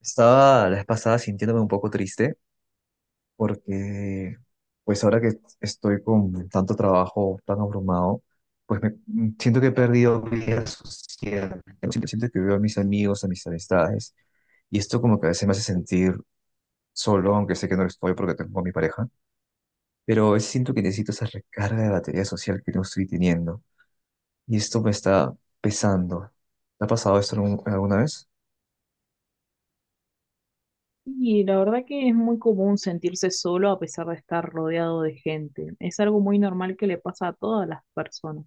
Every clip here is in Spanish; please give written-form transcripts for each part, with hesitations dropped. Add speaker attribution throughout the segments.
Speaker 1: Estaba la vez pasada sintiéndome un poco triste porque, pues ahora que estoy con tanto trabajo, tan abrumado, pues siento que he perdido vida social. Siento que veo a mis amigos, a mis amistades, y esto como que a veces me hace sentir solo, aunque sé que no lo estoy porque tengo a mi pareja, pero a veces siento que necesito esa recarga de batería social que no estoy teniendo, y esto me está pesando. ¿Te ha pasado esto alguna vez?
Speaker 2: Y la verdad que es muy común sentirse solo a pesar de estar rodeado de gente. Es algo muy normal que le pasa a todas las personas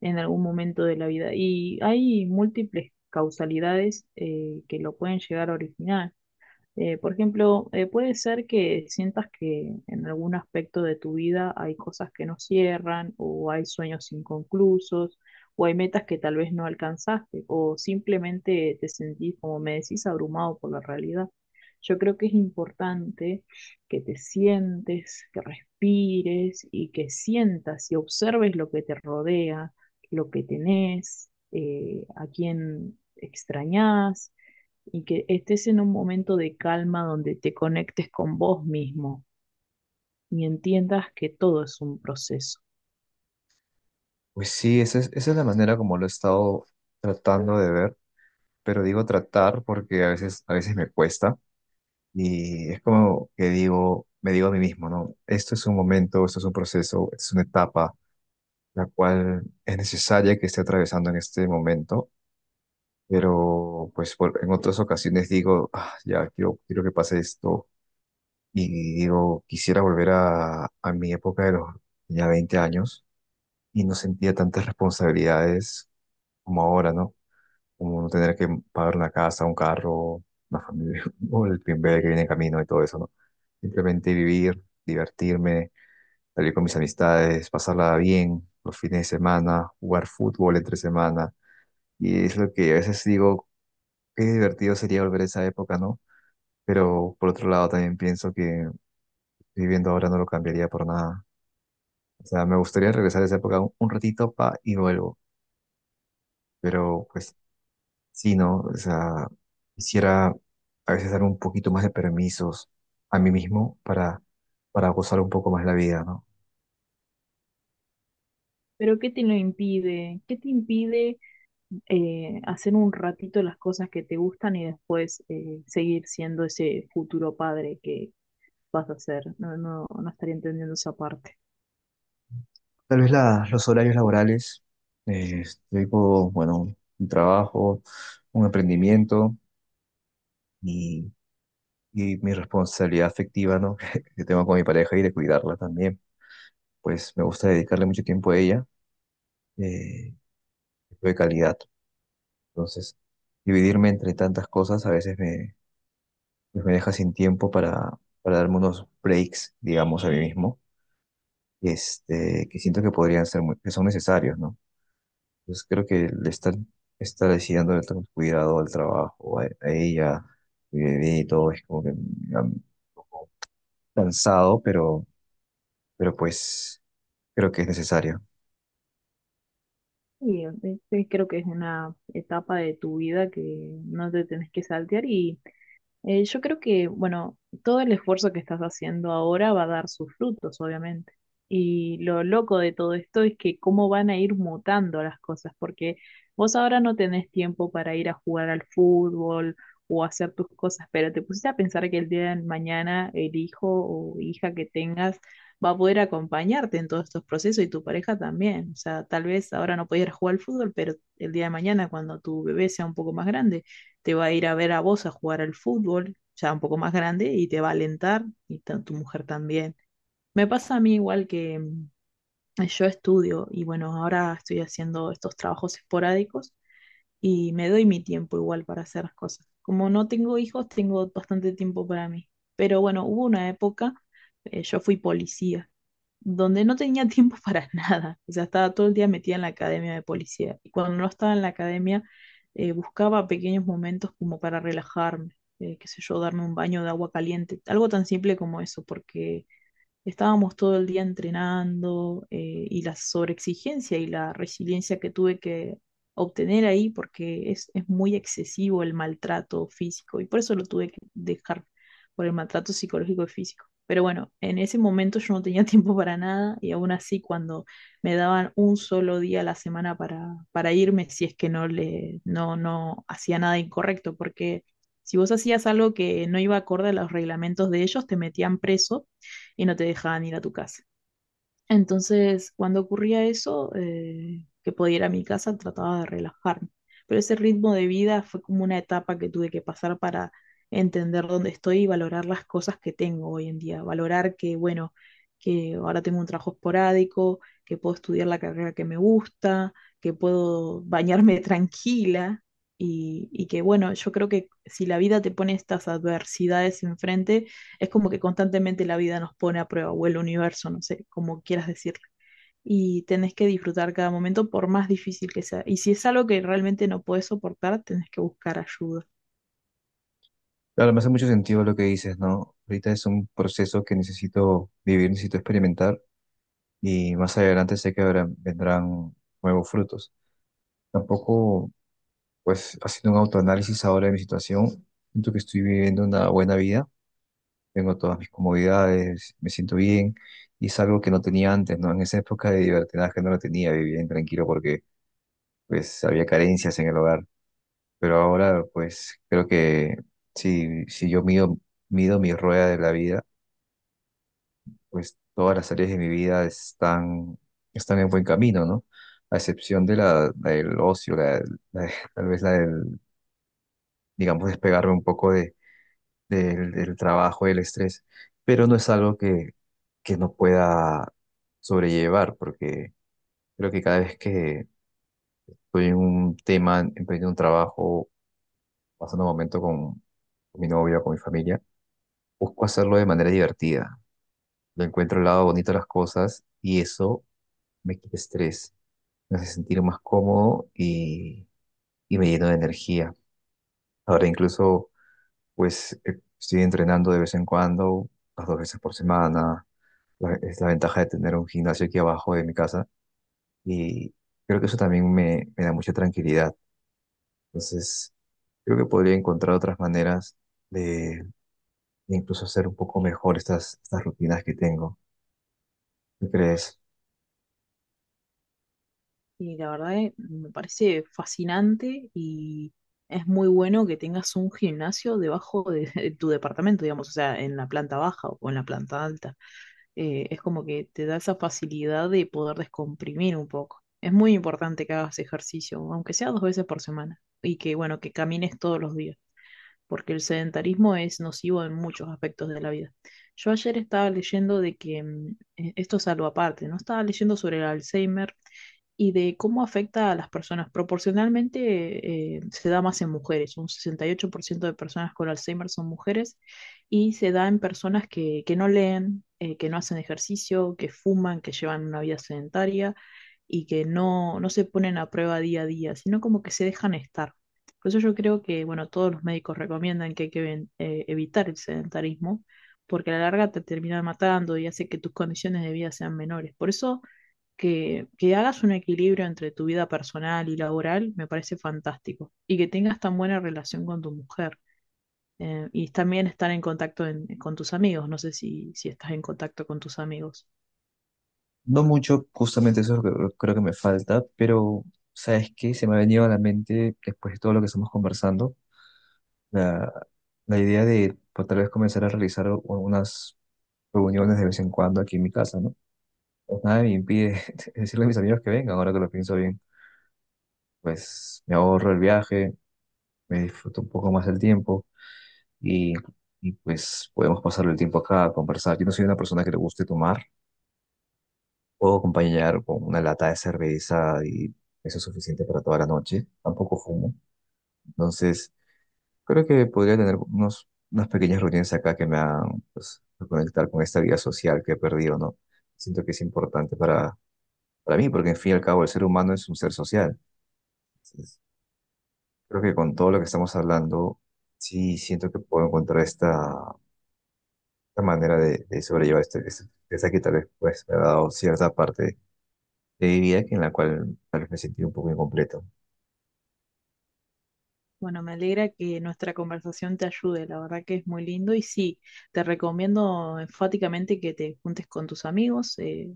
Speaker 2: en algún momento de la vida. Y hay múltiples causalidades que lo pueden llegar a originar. Por ejemplo, puede ser que sientas que en algún aspecto de tu vida hay cosas que no cierran, o hay sueños inconclusos, o hay metas que tal vez no alcanzaste, o simplemente te sentís, como me decís, abrumado por la realidad. Yo creo que es importante que te sientes, que respires y que sientas y observes lo que te rodea, lo que tenés, a quién extrañás y que estés en un momento de calma donde te conectes con vos mismo y entiendas que todo es un proceso.
Speaker 1: Pues sí, esa es la manera como lo he estado tratando de ver, pero digo tratar porque a veces me cuesta y es como que digo, me digo a mí mismo, ¿no? Esto es un momento, esto es un proceso, esto es una etapa, la cual es necesaria que esté atravesando en este momento, pero en otras ocasiones digo: "Ah, ya quiero que pase esto y digo, quisiera volver a mi época de los ya 20 años y no sentía tantas responsabilidades como ahora, ¿no? Como no tener que pagar una casa, un carro, una familia, o el primer que viene en camino y todo eso, ¿no? Simplemente vivir, divertirme, salir con mis amistades, pasarla bien los fines de semana, jugar fútbol entre semana". Y es lo que a veces digo, qué divertido sería volver a esa época, ¿no? Pero por otro lado también pienso que viviendo ahora no lo cambiaría por nada. O sea, me gustaría regresar a esa época un ratito pa, y vuelvo. Pero pues sí, ¿no? O sea, quisiera a veces dar un poquito más de permisos a mí mismo para gozar un poco más la vida, ¿no?
Speaker 2: Pero ¿qué te lo impide? ¿Qué te impide hacer un ratito las cosas que te gustan y después seguir siendo ese futuro padre que vas a ser? No, no, no estaría entendiendo esa parte.
Speaker 1: Tal vez los horarios laborales, eh, tengo, bueno, un trabajo, un emprendimiento y, y mi responsabilidad afectiva, ¿no? Que tengo con mi pareja y de cuidarla también. Pues me gusta dedicarle mucho tiempo a ella, eh, tiempo de calidad. Entonces, dividirme entre tantas cosas pues me deja sin tiempo para darme unos breaks, digamos, a mí mismo, este, que siento que podrían ser que son necesarios, ¿no? Entonces creo que estar así dándole tanto cuidado al trabajo, a ella, mi bebé y todo, es como que cansado, pero pues creo que es necesario.
Speaker 2: Y creo que es una etapa de tu vida que no te tenés que saltear y yo creo que, bueno, todo el esfuerzo que estás haciendo ahora va a dar sus frutos, obviamente. Y lo loco de todo esto es que cómo van a ir mutando las cosas, porque vos ahora no tenés tiempo para ir a jugar al fútbol o hacer tus cosas, pero te pusiste a pensar que el día de mañana el hijo o hija que tengas va a poder acompañarte en todos estos procesos y tu pareja también. O sea, tal vez ahora no podías jugar al fútbol, pero el día de mañana cuando tu bebé sea un poco más grande te va a ir a ver a vos a jugar al fútbol, ya un poco más grande, y te va a alentar, y tu mujer también. Me pasa a mí igual que yo estudio y bueno, ahora estoy haciendo estos trabajos esporádicos y me doy mi tiempo igual para hacer las cosas. Como no tengo hijos, tengo bastante tiempo para mí. Pero bueno, hubo una época, yo fui policía, donde no tenía tiempo para nada. O sea, estaba todo el día metida en la academia de policía. Y cuando no estaba en la academia, buscaba pequeños momentos como para relajarme, qué sé yo, darme un baño de agua caliente, algo tan simple como eso, porque estábamos todo el día entrenando y la sobreexigencia y la resiliencia que tuve que obtener ahí porque es muy excesivo el maltrato físico y por eso lo tuve que dejar por el maltrato psicológico y físico. Pero bueno, en ese momento yo no tenía tiempo para nada y aún así cuando me daban un solo día a la semana para irme si es que no le no, no hacía nada incorrecto porque si vos hacías algo que no iba acorde a los reglamentos de ellos, te metían preso y no te dejaban ir a tu casa. Entonces, cuando ocurría eso, que podía ir a mi casa, trataba de relajarme. Pero ese ritmo de vida fue como una etapa que tuve que pasar para entender dónde estoy y valorar las cosas que tengo hoy en día. Valorar que, bueno, que ahora tengo un trabajo esporádico, que puedo estudiar la carrera que me gusta, que puedo bañarme tranquila y, que, bueno, yo creo que si la vida te pone estas adversidades enfrente, es como que constantemente la vida nos pone a prueba, o el universo, no sé, como quieras decirlo. Y tenés que disfrutar cada momento por más difícil que sea. Y si es algo que realmente no puedes soportar, tenés que buscar ayuda.
Speaker 1: Claro, me hace mucho sentido lo que dices, ¿no? Ahorita es un proceso que necesito vivir, necesito experimentar y más adelante sé que vendrán nuevos frutos. Tampoco. Pues haciendo un autoanálisis ahora de mi situación, siento que estoy viviendo una buena vida, tengo todas mis comodidades, me siento bien y es algo que no tenía antes, ¿no? En esa época de libertinaje no lo tenía, vivía bien tranquilo porque pues había carencias en el hogar, pero ahora pues creo que si yo mido mi rueda de la vida, pues todas las áreas de mi vida están en buen camino, ¿no? A excepción de la del ocio, la- tal vez digamos, despegarme un poco de del trabajo, del estrés, pero no es algo que no pueda sobrellevar, porque creo que cada vez que estoy en un tema, emprendiendo un trabajo, pasando un momento con mi novio, con mi familia, busco hacerlo de manera divertida. Le encuentro el lado bonito a las cosas y eso me quita estrés, me hace sentir más cómodo y me lleno de energía. Ahora incluso, pues, estoy entrenando de vez en cuando, las dos veces por semana es la ventaja de tener un gimnasio aquí abajo de mi casa y creo que eso también me da mucha tranquilidad. Entonces, creo que podría encontrar otras maneras de, de incluso hacer un poco mejor estas rutinas que tengo. ¿Qué crees?
Speaker 2: Y la verdad me parece fascinante y es muy bueno que tengas un gimnasio debajo de, de tu departamento, digamos, o sea, en la planta baja o en la planta alta. Es como que te da esa facilidad de poder descomprimir un poco. Es muy importante que hagas ejercicio, aunque sea dos veces por semana, y que, bueno, que camines todos los días, porque el sedentarismo es nocivo en muchos aspectos de la vida. Yo ayer estaba leyendo de que, esto es algo aparte, ¿no? Estaba leyendo sobre el Alzheimer y de cómo afecta a las personas. Proporcionalmente se da más en mujeres, un 68% de personas con Alzheimer son mujeres y se da en personas que no leen, que no hacen ejercicio, que fuman, que llevan una vida sedentaria y que no, no se ponen a prueba día a día, sino como que se dejan estar. Por eso yo creo que, bueno, todos los médicos recomiendan que hay que evitar el sedentarismo, porque a la larga te termina matando y hace que tus condiciones de vida sean menores. Por eso que hagas un equilibrio entre tu vida personal y laboral me parece fantástico. Y que tengas tan buena relación con tu mujer. Y también estar en contacto con tus amigos. No sé si estás en contacto con tus amigos.
Speaker 1: No mucho, justamente eso es lo que creo que me falta, pero ¿sabes qué? Se me ha venido a la mente después de todo lo que estamos conversando, la, la idea de pues, tal vez comenzar a realizar unas reuniones de vez en cuando aquí en mi casa, ¿no? Pues nada me impide decirle a mis amigos que vengan, ahora que lo pienso bien. Pues me ahorro el viaje, me disfruto un poco más el tiempo y, y pues podemos pasar el tiempo acá a conversar. Yo no soy una persona que le guste tomar, puedo acompañar con una lata de cerveza y eso es suficiente para toda la noche. Tampoco fumo, entonces creo que podría tener unas pequeñas reuniones acá que me hagan pues, reconectar con esta vida social que he perdido, ¿no? Siento que es importante para mí, porque en fin y al cabo el ser humano es un ser social. Creo que con todo lo que estamos hablando, sí siento que puedo encontrar esta manera de sobrellevar esta que tal vez pues, me ha dado cierta parte de mi vida que en la cual tal vez me sentí un poco incompleto.
Speaker 2: Bueno, me alegra que nuestra conversación te ayude, la verdad que es muy lindo y sí, te recomiendo enfáticamente que te juntes con tus amigos,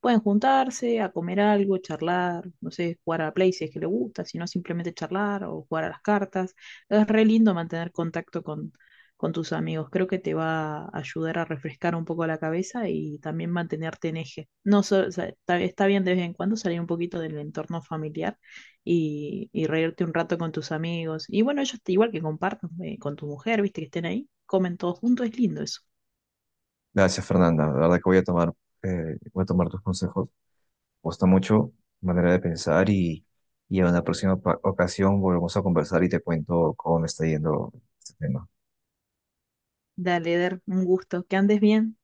Speaker 2: pueden juntarse a comer algo, charlar, no sé, jugar a la Play si es que le gusta, si no simplemente charlar o jugar a las cartas. Es re lindo mantener contacto con tus amigos, creo que te va a ayudar a refrescar un poco la cabeza y también mantenerte en eje. No, o sea, está bien de vez en cuando salir un poquito del entorno familiar y reírte un rato con tus amigos. Y bueno, igual que compartan con tu mujer, viste que estén ahí, comen todos juntos, es lindo eso.
Speaker 1: Gracias, Fernanda. La verdad que voy a tomar tus consejos. Me gusta mucho tu manera de pensar y en una ocasión volvemos a conversar y te cuento cómo me está yendo este tema.
Speaker 2: Dale, Eder, un gusto, que andes bien.